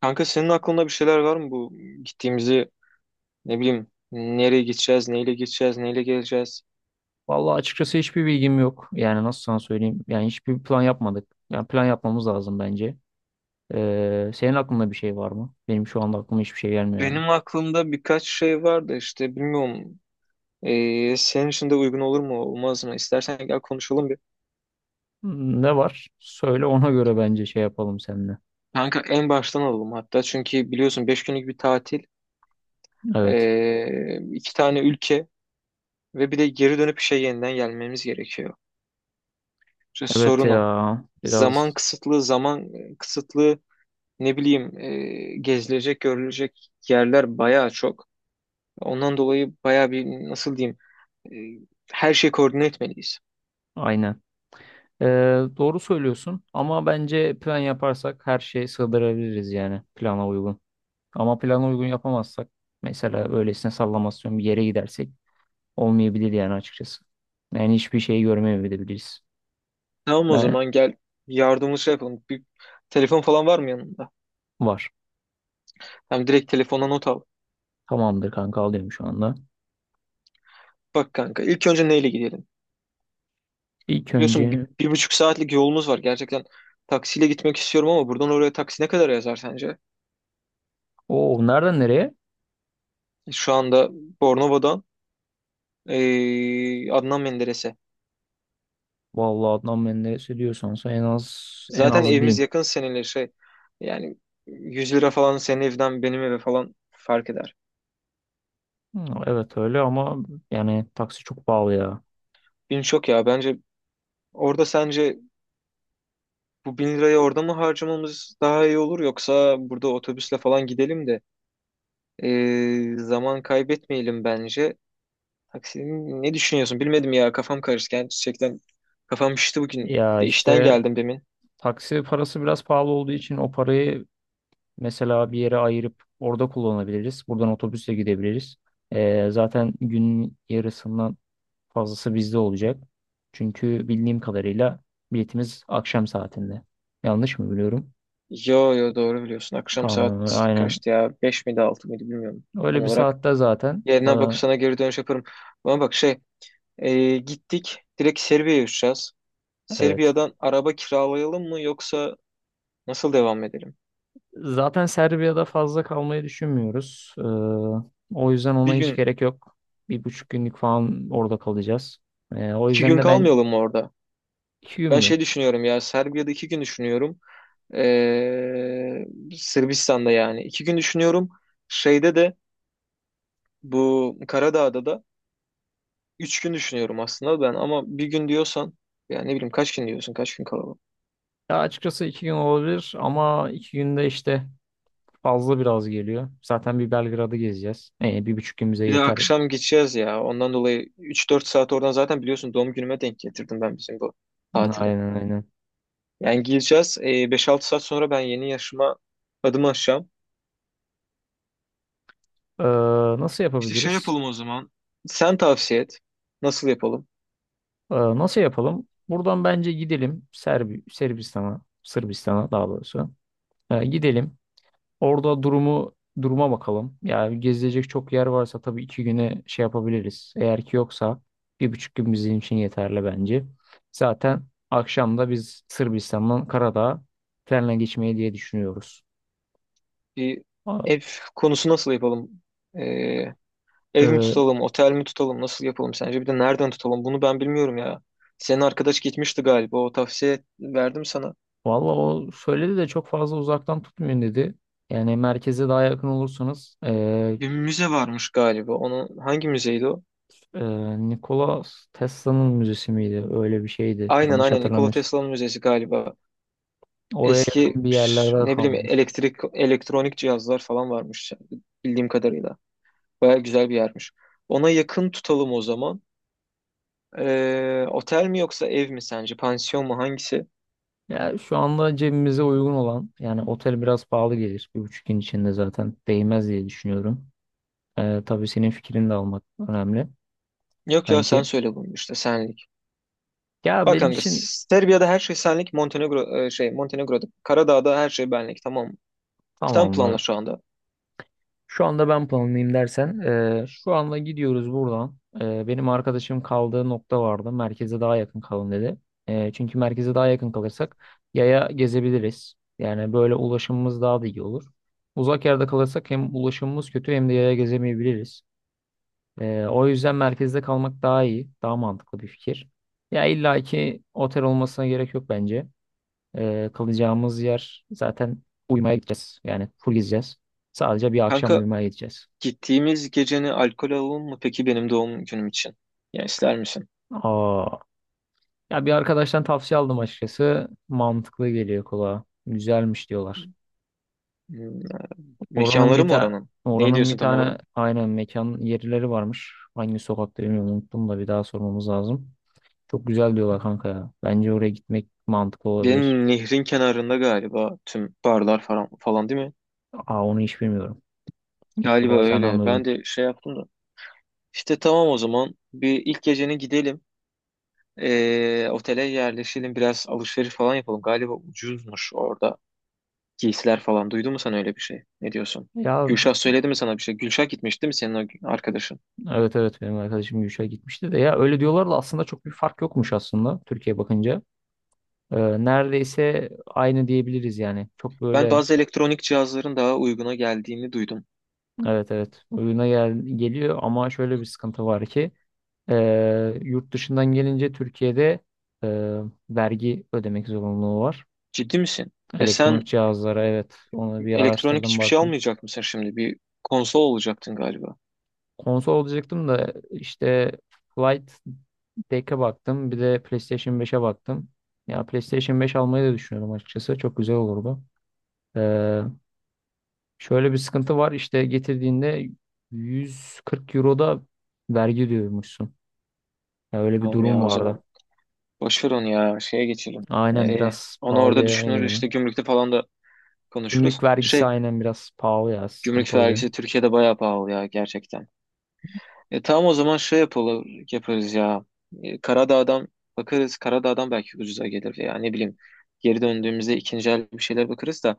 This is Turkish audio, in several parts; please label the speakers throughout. Speaker 1: Kanka senin aklında bir şeyler var mı bu gittiğimizi ne bileyim nereye gideceğiz, neyle gideceğiz, neyle geleceğiz?
Speaker 2: Vallahi açıkçası hiçbir bilgim yok. Yani nasıl sana söyleyeyim? Yani hiçbir plan yapmadık. Yani plan yapmamız lazım bence. Senin aklında bir şey var mı? Benim şu anda aklıma hiçbir şey gelmiyor yani.
Speaker 1: Benim aklımda birkaç şey var da işte bilmiyorum senin için de uygun olur mu olmaz mı? İstersen gel konuşalım bir.
Speaker 2: Ne var? Söyle ona göre bence şey yapalım seninle.
Speaker 1: Kanka en baştan alalım hatta çünkü biliyorsun 5 günlük bir tatil,
Speaker 2: Evet.
Speaker 1: iki tane ülke ve bir de geri dönüp işe yeniden gelmemiz gerekiyor. İşte
Speaker 2: Evet
Speaker 1: sorun o.
Speaker 2: ya.
Speaker 1: Zaman
Speaker 2: Biraz
Speaker 1: kısıtlı, zaman kısıtlı ne bileyim gezilecek, görülecek yerler bayağı çok. Ondan dolayı bayağı bir nasıl diyeyim e, her şeyi koordine etmeliyiz.
Speaker 2: aynen. Ee, doğru söylüyorsun ama bence plan yaparsak her şeyi sığdırabiliriz yani plana uygun. Ama plana uygun yapamazsak mesela öylesine sallamasyon bir yere gidersek olmayabilir yani açıkçası. Yani hiçbir şey görmeyebiliriz.
Speaker 1: Tamam o
Speaker 2: Ben
Speaker 1: zaman gel yardımımızı şey yapalım. Bir telefon falan var mı yanında?
Speaker 2: Var.
Speaker 1: Hem direkt telefona not al.
Speaker 2: Tamamdır kanka alıyorum şu anda.
Speaker 1: Bak kanka ilk önce neyle gidelim?
Speaker 2: İlk
Speaker 1: Biliyorsun bir,
Speaker 2: önce
Speaker 1: bir buçuk saatlik yolumuz var. Gerçekten taksiyle gitmek istiyorum ama buradan oraya taksi ne kadar yazar sence?
Speaker 2: o nereden nereye?
Speaker 1: Şu anda Bornova'dan Adnan Menderes'e.
Speaker 2: Vallahi Adnan Menderes'e diyorsan sen en az en
Speaker 1: Zaten
Speaker 2: az
Speaker 1: evimiz
Speaker 2: 1.000.
Speaker 1: yakın seninle şey. Yani 100 lira falan senin evden benim eve falan fark eder.
Speaker 2: Hı, Evet öyle ama yani taksi çok pahalı ya.
Speaker 1: Bin çok ya bence. Orada sence bu 1000 lirayı orada mı harcamamız daha iyi olur yoksa burada otobüsle falan gidelim de zaman kaybetmeyelim bence. Taksi ne düşünüyorsun? Bilmedim ya kafam karıştı. Yani gerçekten kafam şişti bugün.
Speaker 2: Ya
Speaker 1: De işten
Speaker 2: işte
Speaker 1: geldim demin.
Speaker 2: taksi parası biraz pahalı olduğu için o parayı mesela bir yere ayırıp orada kullanabiliriz. Buradan otobüsle gidebiliriz. Zaten gün yarısından fazlası bizde olacak. Çünkü bildiğim kadarıyla biletimiz akşam saatinde. Yanlış mı biliyorum?
Speaker 1: Yo yo, doğru biliyorsun. Akşam saat
Speaker 2: Tamamdır, aynen.
Speaker 1: kaçtı ya? 5 miydi 6 mıydı bilmiyorum tam
Speaker 2: Öyle bir
Speaker 1: olarak.
Speaker 2: saatte zaten.
Speaker 1: Yerine bakıp sana geri dönüş yaparım. Bana bak şey gittik direkt Serbia'ya uçacağız.
Speaker 2: Evet.
Speaker 1: Serbia'dan araba kiralayalım mı yoksa nasıl devam edelim?
Speaker 2: Zaten Serbia'da fazla kalmayı düşünmüyoruz. O yüzden ona
Speaker 1: Bir
Speaker 2: hiç
Speaker 1: gün.
Speaker 2: gerek yok. Bir buçuk günlük falan orada kalacağız. O
Speaker 1: İki
Speaker 2: yüzden
Speaker 1: gün
Speaker 2: de ben
Speaker 1: kalmayalım mı orada?
Speaker 2: iki gün
Speaker 1: Ben
Speaker 2: mü?
Speaker 1: şey düşünüyorum ya, Serbia'da 2 gün düşünüyorum. Ee, Sırbistan'da yani. 2 gün düşünüyorum. Şeyde de bu Karadağ'da da 3 gün düşünüyorum aslında ben. Ama bir gün diyorsan ya ne bileyim kaç gün diyorsun kaç gün kalalım.
Speaker 2: Ya açıkçası iki gün olabilir ama iki günde işte fazla biraz geliyor. Zaten bir Belgrad'ı gezeceğiz. Bir buçuk gün bize
Speaker 1: Bir de
Speaker 2: yeter.
Speaker 1: akşam gideceğiz ya. Ondan dolayı 3-4 saat oradan zaten biliyorsun doğum günüme denk getirdim ben bizim bu tatili.
Speaker 2: Aynen aynen.
Speaker 1: Yani gireceğiz. 5-6 saat sonra ben yeni yaşıma adım atacağım.
Speaker 2: Ee, Nasıl
Speaker 1: İşte şey
Speaker 2: yapabiliriz?
Speaker 1: yapalım o zaman. Sen tavsiye et. Nasıl yapalım?
Speaker 2: Nasıl yapalım? Buradan bence gidelim Sırbistan'a, Sırbistan'a daha doğrusu. Gidelim. Orada durumu duruma bakalım. Yani gezilecek çok yer varsa tabii iki güne şey yapabiliriz. Eğer ki yoksa bir buçuk gün bizim için yeterli bence. Zaten akşam da biz Sırbistan'dan Karadağ'a trenle geçmeyi diye düşünüyoruz.
Speaker 1: Bir
Speaker 2: Aa,
Speaker 1: ev konusu nasıl yapalım? Ee,
Speaker 2: e,
Speaker 1: ev mi tutalım, otel mi tutalım, nasıl yapalım sence? Bir de nereden tutalım? Bunu ben bilmiyorum ya. Senin arkadaş gitmişti galiba. O tavsiye verdim sana.
Speaker 2: Valla o söyledi de çok fazla uzaktan tutmayın dedi. Yani merkeze daha yakın olursanız.
Speaker 1: Bir müze varmış galiba. Onun hangi müzeydi o?
Speaker 2: Nikola Tesla'nın müzesi miydi? Öyle bir şeydi.
Speaker 1: Aynen
Speaker 2: Yanlış
Speaker 1: aynen, Nikola
Speaker 2: hatırlamıyorsun.
Speaker 1: Tesla'nın müzesi galiba.
Speaker 2: Oraya
Speaker 1: Eski
Speaker 2: yakın bir
Speaker 1: üf,
Speaker 2: yerlerde
Speaker 1: ne bileyim
Speaker 2: kalmış.
Speaker 1: elektrik elektronik cihazlar falan varmış bildiğim kadarıyla. Baya güzel bir yermiş. Ona yakın tutalım o zaman. Otel mi yoksa ev mi sence? Pansiyon mu, hangisi?
Speaker 2: Ya şu anda cebimize uygun olan yani otel biraz pahalı gelir. Bir buçuk gün içinde zaten değmez diye düşünüyorum. Tabii senin fikrini de almak önemli.
Speaker 1: Yok ya sen
Speaker 2: Sanki
Speaker 1: söyle bunu işte, senlik.
Speaker 2: ya
Speaker 1: Bak
Speaker 2: benim
Speaker 1: kanka
Speaker 2: için
Speaker 1: Serbia'da her şey senlik. Montenegro'da, Karadağ'da her şey benlik, tamam mı?
Speaker 2: tamam
Speaker 1: Sen planla
Speaker 2: mı?
Speaker 1: şu anda.
Speaker 2: Şu anda ben planlayayım dersen, şu anda gidiyoruz buradan. Benim arkadaşım kaldığı nokta vardı. Merkeze daha yakın kalın dedi. Çünkü merkeze daha yakın kalırsak yaya gezebiliriz. Yani böyle ulaşımımız daha da iyi olur. Uzak yerde kalırsak hem ulaşımımız kötü hem de yaya gezemeyebiliriz. O yüzden merkezde kalmak daha iyi, daha mantıklı bir fikir. Ya illa ki otel olmasına gerek yok bence. Kalacağımız yer zaten uyumaya gideceğiz. Yani full gezeceğiz. Sadece bir akşam
Speaker 1: Kanka
Speaker 2: uyumaya gideceğiz.
Speaker 1: gittiğimiz geceni alkol alalım mı peki benim doğum günüm için? Ya ister misin?
Speaker 2: Aa, Ya bir arkadaştan tavsiye aldım açıkçası. Mantıklı geliyor kulağa. Güzelmiş diyorlar.
Speaker 1: Hmm.
Speaker 2: Oranın
Speaker 1: Mekanları
Speaker 2: bir
Speaker 1: mı
Speaker 2: tane
Speaker 1: oranın? Ne
Speaker 2: oranın
Speaker 1: diyorsun
Speaker 2: bir
Speaker 1: tam
Speaker 2: tane
Speaker 1: olarak?
Speaker 2: aynen mekan yerleri varmış. Hangi sokakta bilmiyorum unuttum da bir daha sormamız lazım. Çok güzel diyorlar kanka ya. Bence oraya gitmek mantıklı olabilir.
Speaker 1: Benim nehrin kenarında galiba tüm barlar falan falan, değil mi?
Speaker 2: Onu hiç bilmiyorum. İlk
Speaker 1: Galiba
Speaker 2: defa senden
Speaker 1: öyle. Ben
Speaker 2: duydum.
Speaker 1: de şey yaptım da. İşte tamam o zaman bir ilk geceni gidelim. Otele yerleşelim, biraz alışveriş falan yapalım. Galiba ucuzmuş orada giysiler falan. Duydun mu sen öyle bir şey? Ne diyorsun?
Speaker 2: Ya
Speaker 1: Gülşah söyledi mi sana bir şey? Gülşah gitmiş değil mi senin o arkadaşın?
Speaker 2: evet evet benim arkadaşım Gülşah gitmişti de ya öyle diyorlar da aslında çok bir fark yokmuş aslında Türkiye bakınca. Neredeyse aynı diyebiliriz yani. Çok
Speaker 1: Ben
Speaker 2: böyle.
Speaker 1: bazı elektronik cihazların daha uyguna geldiğini duydum.
Speaker 2: Evet evet oyuna gel geliyor ama şöyle bir sıkıntı var ki, yurt dışından gelince Türkiye'de e, vergi ödemek zorunluluğu var.
Speaker 1: Ciddi misin? Ya sen
Speaker 2: Elektronik cihazlara evet onu bir
Speaker 1: elektronik
Speaker 2: araştırdım
Speaker 1: hiçbir şey
Speaker 2: baktım.
Speaker 1: almayacak mısın şimdi? Bir konsol olacaktın galiba.
Speaker 2: Konsol olacaktım da işte Flight Deck'e baktım bir de PlayStation 5'e baktım. Ya PlayStation 5 almayı da düşünüyorum açıkçası çok güzel olurdu. E, Şöyle bir sıkıntı var işte getirdiğinde 140 Euro'da vergi ödüyormuşsun. Ya öyle bir
Speaker 1: Tamam ya
Speaker 2: durum
Speaker 1: o zaman.
Speaker 2: vardı.
Speaker 1: Boş ver onu ya. Şeye geçelim.
Speaker 2: Aynen biraz
Speaker 1: Onu orada
Speaker 2: pahalıya
Speaker 1: düşünürüz.
Speaker 2: geliyor.
Speaker 1: İşte gümrükte falan da konuşuruz.
Speaker 2: Gümrük vergisi
Speaker 1: Şey,
Speaker 2: aynen biraz pahalı ya.
Speaker 1: gümrük
Speaker 2: Sıkıntı oluyor.
Speaker 1: vergisi Türkiye'de bayağı pahalı ya gerçekten. Tamam o zaman şey yapalım, yaparız ya. Karadağ'dan bakarız. Karadağ'dan belki ucuza gelir ya, ne bileyim. Geri döndüğümüzde ikinci el bir şeyler bakarız da.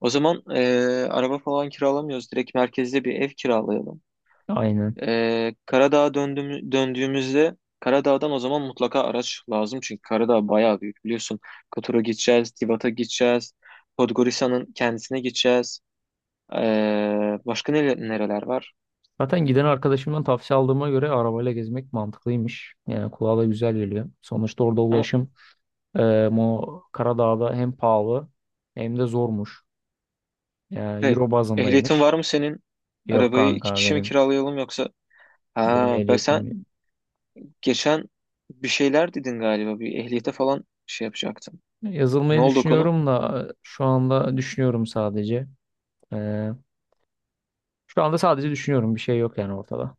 Speaker 1: O zaman araba falan kiralamıyoruz. Direkt merkezde bir ev kiralayalım.
Speaker 2: Aynen.
Speaker 1: Karadağ'a döndüğümüzde Karadağ'dan o zaman mutlaka araç lazım. Çünkü Karadağ bayağı büyük, biliyorsun. Kotor'a gideceğiz, Tibat'a gideceğiz. Podgorica'nın kendisine gideceğiz. Başka nereler var?
Speaker 2: Zaten giden arkadaşımdan tavsiye aldığıma göre arabayla gezmek mantıklıymış. Yani kulağa da güzel geliyor. Sonuçta orada ulaşım e, Mo Karadağ'da hem pahalı hem de zormuş. Yani
Speaker 1: Hey,
Speaker 2: Euro
Speaker 1: ehliyetin
Speaker 2: bazındaymış.
Speaker 1: var mı senin?
Speaker 2: Yok
Speaker 1: Arabayı iki
Speaker 2: kanka
Speaker 1: kişi mi
Speaker 2: benim
Speaker 1: kiralayalım yoksa?
Speaker 2: benim
Speaker 1: Ha, sen
Speaker 2: ehliyetim
Speaker 1: geçen bir şeyler dedin galiba. Bir ehliyete falan şey yapacaktın. Ne
Speaker 2: yazılmayı
Speaker 1: oldu o konu?
Speaker 2: düşünüyorum da şu anda düşünüyorum sadece. E, Şu anda sadece düşünüyorum. Bir şey yok yani ortada.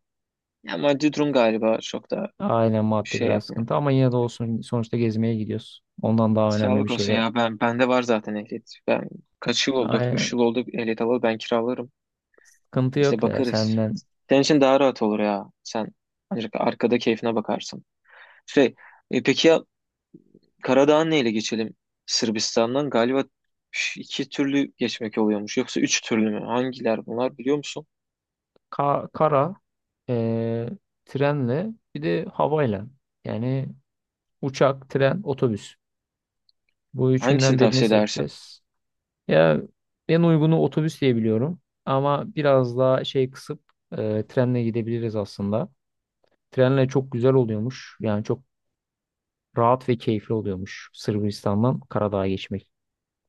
Speaker 1: Ya maddi durum galiba çok da
Speaker 2: Aynen maddi
Speaker 1: şey
Speaker 2: biraz
Speaker 1: yapmıyor.
Speaker 2: sıkıntı ama yine de olsun sonuçta gezmeye gidiyoruz. Ondan daha önemli bir
Speaker 1: Sağlık
Speaker 2: şey.
Speaker 1: olsun
Speaker 2: yok.
Speaker 1: ya, bende var zaten ehliyet. Ben kaç yıl oldu? Dört
Speaker 2: Ay,
Speaker 1: beş yıl oldu ehliyet alalı, ben kiralarım.
Speaker 2: sıkıntı
Speaker 1: İşte
Speaker 2: yok ya
Speaker 1: bakarız.
Speaker 2: senden.
Speaker 1: Senin için daha rahat olur ya. Sen ancak arkada keyfine bakarsın. Şey, peki ya Karadağ'ın neyle geçelim? Sırbistan'dan galiba iki türlü geçmek oluyormuş. Yoksa üç türlü mü? Hangiler bunlar, biliyor musun?
Speaker 2: Kara, e, trenle bir de havayla. Yani uçak, tren, otobüs. Bu
Speaker 1: Hangisini
Speaker 2: üçünden birini
Speaker 1: tavsiye edersin?
Speaker 2: seçeceğiz. Ya en uygunu otobüs diye biliyorum. Ama biraz daha şey kısıp trenle gidebiliriz aslında. Trenle çok güzel oluyormuş. Yani çok rahat ve keyifli oluyormuş Sırbistan'dan Karadağ'a geçmek.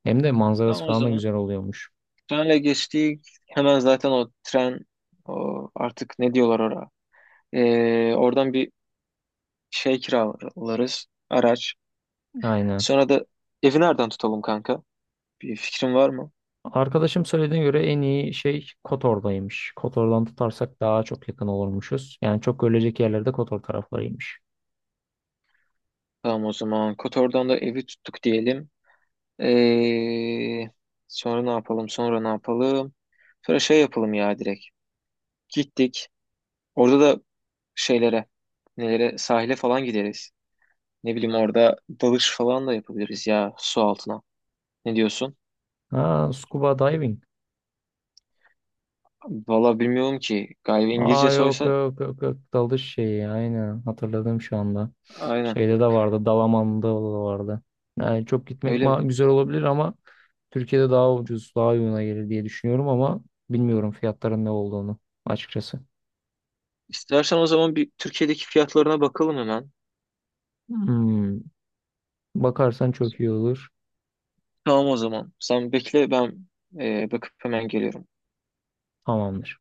Speaker 2: Hem de manzarası
Speaker 1: Tamam o
Speaker 2: falan da
Speaker 1: zaman.
Speaker 2: güzel oluyormuş.
Speaker 1: Trenle geçtik. Hemen zaten o tren, o artık ne diyorlar oraya? Oradan bir şey kiralarız. Araç.
Speaker 2: Aynen.
Speaker 1: Sonra da evi nereden tutalım kanka? Bir fikrin var mı?
Speaker 2: Arkadaşım söylediğine göre en iyi şey Kotor'daymış. Kotor'dan tutarsak daha çok yakın olurmuşuz. Yani çok görülecek yerlerde Kotor taraflarıymış.
Speaker 1: Tamam o zaman. Kotor'dan da evi tuttuk diyelim. Ee, sonra ne yapalım? Sonra ne yapalım? Sonra şey yapalım ya direkt. Gittik. Orada da şeylere, nelere, sahile falan gideriz. Ne bileyim orada dalış falan da yapabiliriz ya, su altına. Ne diyorsun?
Speaker 2: Ha, scuba diving.
Speaker 1: Valla bilmiyorum ki. Galiba İngilizce
Speaker 2: Yok
Speaker 1: soysa
Speaker 2: yok yok yok dalış şeyi aynen hatırladım şu anda.
Speaker 1: aynen,
Speaker 2: Şeyde de vardı Dalaman'da da vardı. Yani çok gitmek
Speaker 1: öyle mi?
Speaker 2: güzel olabilir ama Türkiye'de daha ucuz daha uyguna gelir diye düşünüyorum ama bilmiyorum fiyatların ne olduğunu açıkçası.
Speaker 1: İstersen o zaman bir Türkiye'deki fiyatlarına bakalım hemen.
Speaker 2: Hmm. Bakarsan çok iyi olur.
Speaker 1: Tamam o zaman. Sen bekle, ben bakıp hemen geliyorum.
Speaker 2: Tamamdır.